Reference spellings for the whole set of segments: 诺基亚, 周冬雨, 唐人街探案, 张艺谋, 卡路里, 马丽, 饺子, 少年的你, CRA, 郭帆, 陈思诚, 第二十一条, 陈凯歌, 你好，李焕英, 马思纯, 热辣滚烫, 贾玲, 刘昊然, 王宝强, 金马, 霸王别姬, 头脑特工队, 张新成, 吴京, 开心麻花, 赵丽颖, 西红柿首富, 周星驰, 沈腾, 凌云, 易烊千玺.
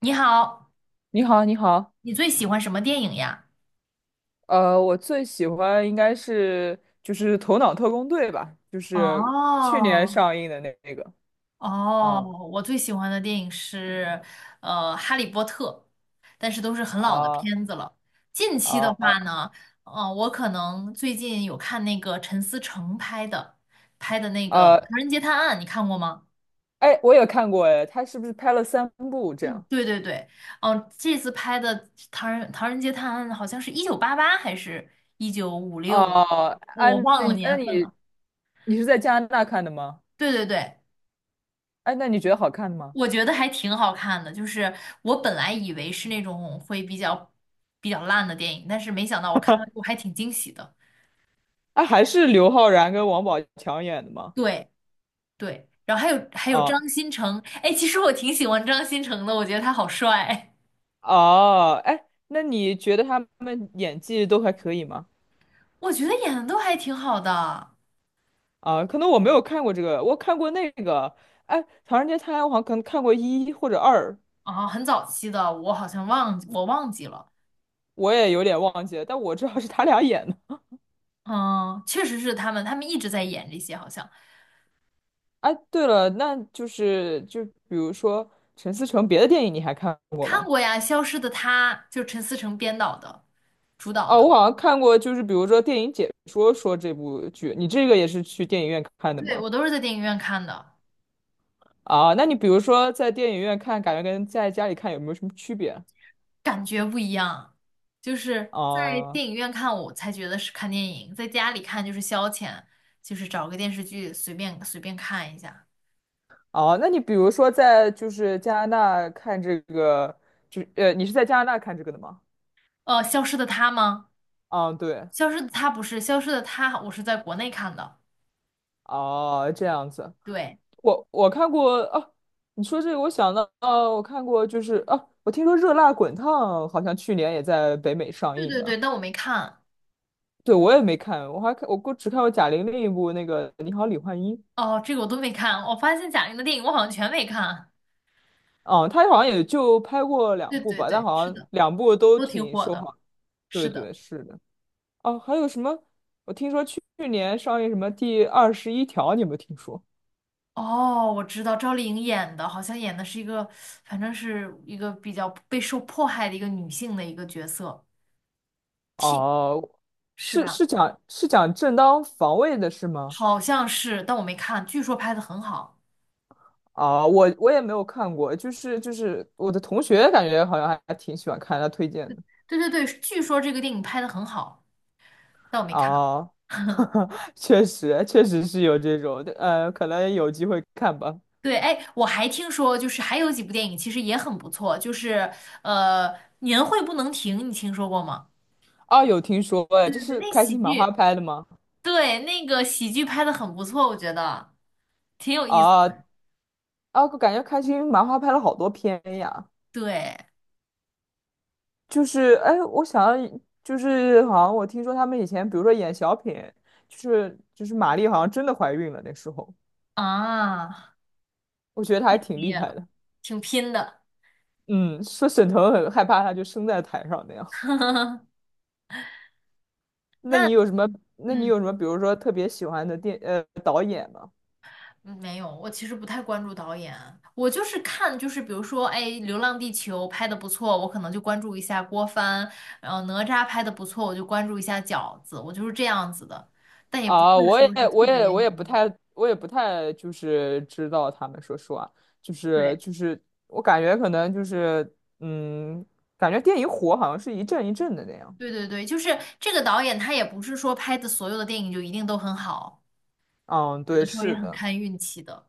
你好，你好，你好，你最喜欢什么电影呀？我最喜欢应该是就是《头脑特工队》吧，就是去年哦上映的那个，哦，嗯我最喜欢的电影是《哈利波特》，但是都是很老的啊片子了。近期的啊话呢，我可能最近有看那个陈思诚拍的那个啊，《唐人街探案》，你看过吗？哎，我也看过。哎，他是不是拍了3部这样？对对对，嗯、这次拍的《唐人街探案》好像是1988还是1956吧，哦、啊，哦我那忘了那年份你了。你是在加拿大看的吗？对对对。哎，那你觉得好看吗？我觉得还挺好看的，就是我本来以为是那种会比较烂的电影，但是没想到我看了我还挺惊喜的。哎，还是刘昊然跟王宝强演的吗？对对，然后还有啊张新成，哎，其实我挺喜欢张新成的，我觉得他好帅，哦，哎，那你觉得他们演技都还可以吗？我觉得演的都还挺好的。啊，可能我没有看过这个，我看过那个。哎，《唐人街探案》我好像可能看过1或者2，啊，很早期的，我好像我忘记了。我也有点忘记了，但我知道是他俩演的。嗯，确实是他们，一直在演这些，好像哎，对了，那就是比如说陈思诚别的电影你还看过看吗？过呀，《消失的她》就陈思诚编导的，主导哦，的，我好像看过，就是比如说电影解说说这部剧，你这个也是去电影院看的对，吗？我都是在电影院看的。啊，那你比如说在电影院看，感觉跟在家里看有没有什么区别？就是啊？在啊电影院看我才觉得是看电影，在家里看就是消遣，就是找个电视剧随便随便看一下。哦，那你比如说在就是加拿大看这个，就你是在加拿大看这个的吗？《消失的她》吗？啊，对，《消失的她》不是《消失的她》，我是在国内看的。哦，这样子，对，我看过啊。你说这个，我想到，啊，我看过就是啊，我听说《热辣滚烫》好像去年也在北美上对映对的。对，但我没看。对，我也没看，我还看我过只看过贾玲另一部那个《你好，李焕英》。哦，这个我都没看。我发现贾玲的电影我好像全没看。啊，她好像也就拍过两对部对吧，但对，好是像的，两部都都挺挺火受的。好。对是对的。是的。哦，还有什么？我听说去年上映什么第21条，你有没有听说？哦，我知道赵丽颖演的，好像演的是一个，反正是一个比较被受迫害的一个女性的一个角色，替，哦，是是吧？是讲是讲正当防卫的是吗？好像是，但我没看，据说拍的很好。啊，我也没有看过，就是我的同学感觉好像还挺喜欢看，他推荐的。对对对，据说这个电影拍的很好，但我没看。啊，确实确实是有这种，可能有机会看吧。对，哎，我还听说，就是还有几部电影其实也很不错，就是呃，《年会不能停》，你听说过吗？啊，有听说哎，对这对对，是那开喜心麻花剧，拍的吗？对，那个喜剧拍的很不错，我觉得挺有意思。啊，啊，我感觉开心麻花拍了好多片呀。对就是哎，我想要就是好像我听说他们以前，比如说演小品，就是马丽好像真的怀孕了那时候，啊，我觉得她还挺毕厉业害了，的。挺拼的。嗯，说沈腾很害怕她就生在台上那样。那那你有什么？那你嗯。有什么？比如说特别喜欢的导演吗？嗯，没有，我其实不太关注导演啊，我就是看，就是比如说，哎，《流浪地球》拍的不错，我可能就关注一下郭帆，然后哪吒拍的不错，我就关注一下饺子，我就是这样子的，但也不啊，会我说也是特我别。也我也不太我也不太就是知道他们说实话，就是对，就是我感觉可能就是嗯，感觉电影火好像是一阵一阵的那样。对对对，就是这个导演他也不是说拍的所有的电影就一定都很好，嗯，有对，的时候也是很的。看运气的。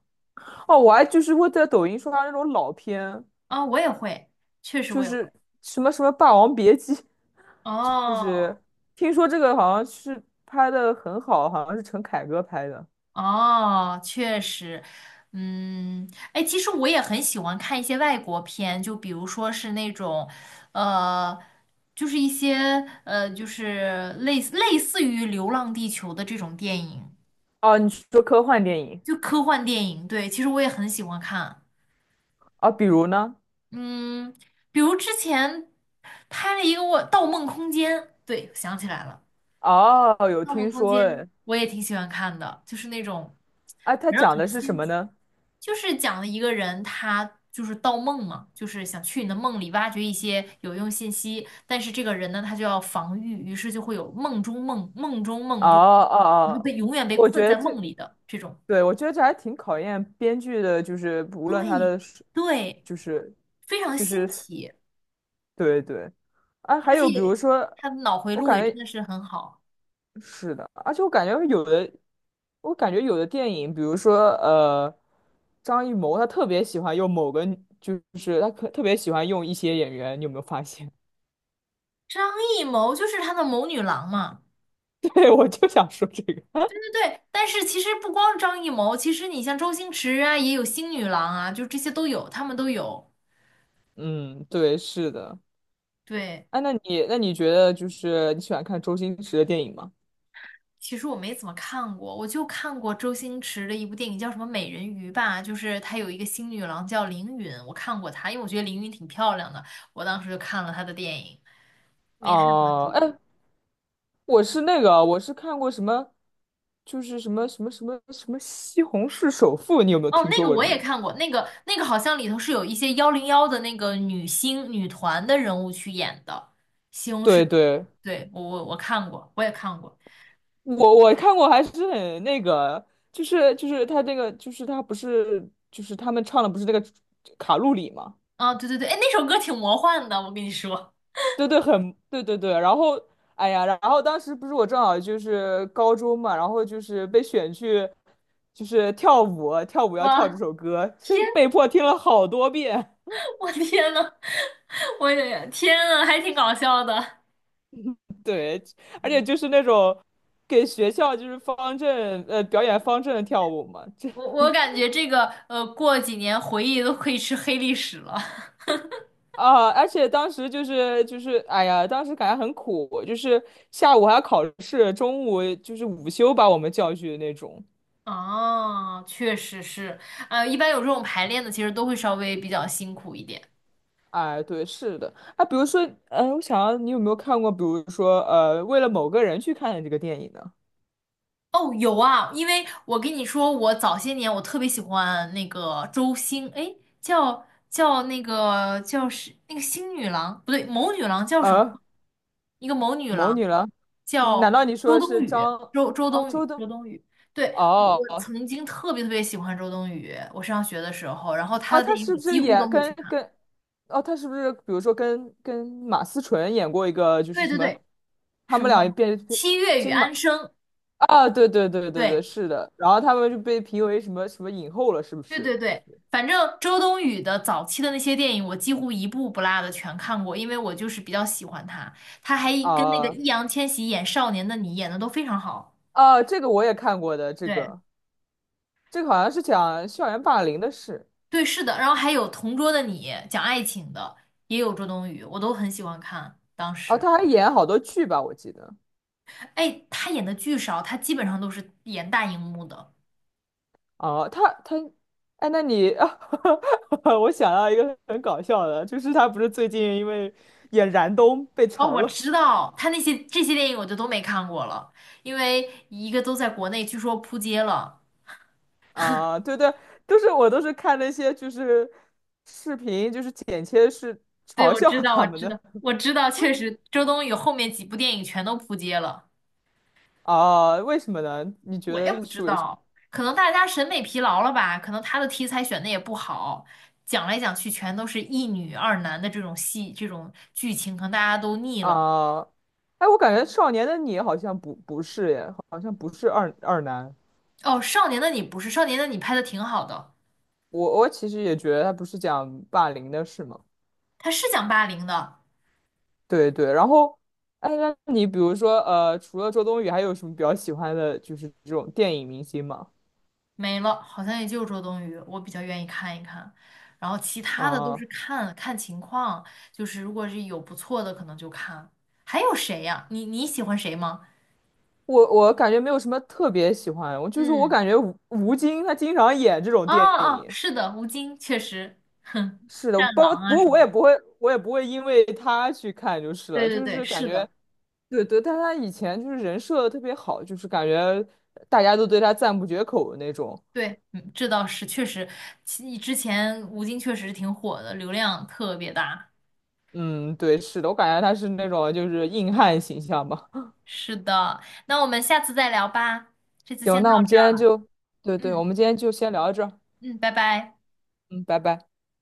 哦，我还就是会在抖音刷到那种老片，啊、我也会，确实我就也会。是什么什么《霸王别姬》，就哦。是听说这个好像是拍的很好，好像是陈凯歌拍的。哦，确实，嗯，哎，其实我也很喜欢看一些外国片，就比如说是那种，呃，就是一些就是类似于《流浪地球》的这种电影，哦，你说科幻电影就科幻电影。对，其实我也很喜欢看，啊，比如呢？嗯，比如之前拍了一个我《盗梦空间》，对，想起来了。哦，有盗梦听空说间》哎。我也挺喜欢看的，就是那种哎，他反正讲很的是什新么奇，呢？就是讲了一个人他就是盗梦嘛，就是想去你的梦里挖掘一些有用信息，但是这个人呢他就要防御，于是就会有梦中梦、梦中哦梦中梦哦然后哦，被永远被我困觉得在这，梦里的这种。对，我觉得这还挺考验编剧的，就是无论他对的是对，就是，非常就是，新奇，对对。啊，还而有比如且说，他的脑回我路也感真觉。的是很好。是的，而且我感觉有的，我感觉有的电影，比如说张艺谋他特别喜欢用某个，就是他可特别喜欢用一些演员，你有没有发现？张艺谋就是他的谋女郎嘛。对，我就想说这个。对，但是其实不光张艺谋，其实你像周星驰啊，也有星女郎啊，就这些都有，他们都有。嗯，对，是的。对，哎，那你觉得就是你喜欢看周星驰的电影吗？其实我没怎么看过，我就看过周星驰的一部电影，叫什么《美人鱼》吧，就是他有一个星女郎叫凌云，我看过她，因为我觉得凌云挺漂亮的，我当时就看了她的电影，没太关注哦，哎，过。我是那个，我是看过什么，就是什么《西红柿首富》，你有没有哦，听那说个过我这也名字？看过，那个好像里头是有一些101的那个女星女团的人物去演的，对对。对，我看过，我也看过。我我看过，还是很那个，就是就是他这个，就是他不是就是他们唱的不是那个卡路里嘛？啊，对对对，哎，那首歌挺魔幻的，我跟你说，对对，很对对对。然后哎呀，然后当时不是我正好就是高中嘛，然后就是被选去就是跳舞，跳舞要跳这哇，首歌，天，被迫听了好多遍。我天呐，我也天呐，还挺搞笑的。对，而且嗯，就是那种给学校就是表演方阵跳舞嘛，这我感觉这个过几年回忆都可以吃黑历史了。啊，而且当时就是哎呀，当时感觉很苦，就是下午还要考试，中午就是午休把我们叫去的那种。啊，确实是，一般有这种排练的，其实都会稍微比较辛苦一点。哎，对，是的。啊，比如说，嗯，我想要你有没有看过，比如说，为了某个人去看的这个电影呢？哦，有啊，因为我跟你说，我早些年我特别喜欢那个周星，哎，叫那个叫是那个星女郎，不对，谋女郎叫什么？啊，一个谋女某郎女郎？难叫道你说周的冬是雨，张？周哦，冬周雨，冬？周冬雨。对，我哦，曾经特别特别喜欢周冬雨，我上学的时候，然后她啊，的她电影是我不几是乎也都会去跟看。跟？哦，她是不是比如说跟马思纯演过一个，就是对什对么？对，他什么们俩变《七月与金安马。生》，啊，对对对对对，对，是的。然后他们就被评为什么什么影后了，是不对是？对就对，是反正周冬雨的早期的那些电影，我几乎一部不落的全看过，因为我就是比较喜欢她。她还跟那个啊易烊千玺演《少年的你》演的都非常好。啊，这个我也看过的，这对个这个好像是讲校园霸凌的事。对，是的。然后还有《同桌的你》讲爱情的，也有周冬雨，我都很喜欢看。当啊，时，他还演好多剧吧，我记得。哎，她演的剧少，她基本上都是演大荧幕的。哦、他，哎，那你，我想到一个很搞笑的，就是他不是最近因为演燃冬被哦，嘲我了吗？知道，她那些这些电影我就都没看过了，因为一个都在国内，据说扑街了。啊，对对，我都是看那些就是视频，就是剪切是对，嘲我笑知道，我他们知的。道，我知道，确实，周冬雨后面几部电影全都扑街了。啊，为什么呢？你觉我也得它不知是为什道，可能大家审美疲劳了吧？可能她的题材选的也不好，讲来讲去全都是一女二男的这种戏，这种剧情，可能大家都腻么了。啊？哎，我感觉《少年的你》好像不是耶，好像不是二男。哦，《少年的你》不是，《少年的你》拍的挺好的，我其实也觉得他不是讲霸凌的事嘛。他是讲霸凌的。对对，然后，哎，那你比如说，除了周冬雨，还有什么比较喜欢的，就是这种电影明星吗？没了，好像也就周冬雨，我比较愿意看一看。然后其他的都啊，是看看情况，就是如果是有不错的，可能就看。还有谁呀？你喜欢谁吗？我感觉没有什么特别喜欢，我嗯，感觉吴京他经常演这种哦电哦，影。是的，吴京确实，哼，是的，战狼不啊过什么，我也不会，我也不会因为他去看就是对了，对就对，是感是觉，的，对对，但他以前就是人设特别好，就是感觉大家都对他赞不绝口的那种。对，嗯这倒是确实，之前吴京确实挺火的，流量特别大。嗯，对，是的，我感觉他是那种就是硬汉形象吧。是的，那我们下次再聊吧，这次行，先到那我们今天就，对这儿，对，我嗯们今天就先聊到这儿。嗯，拜拜。嗯，拜拜。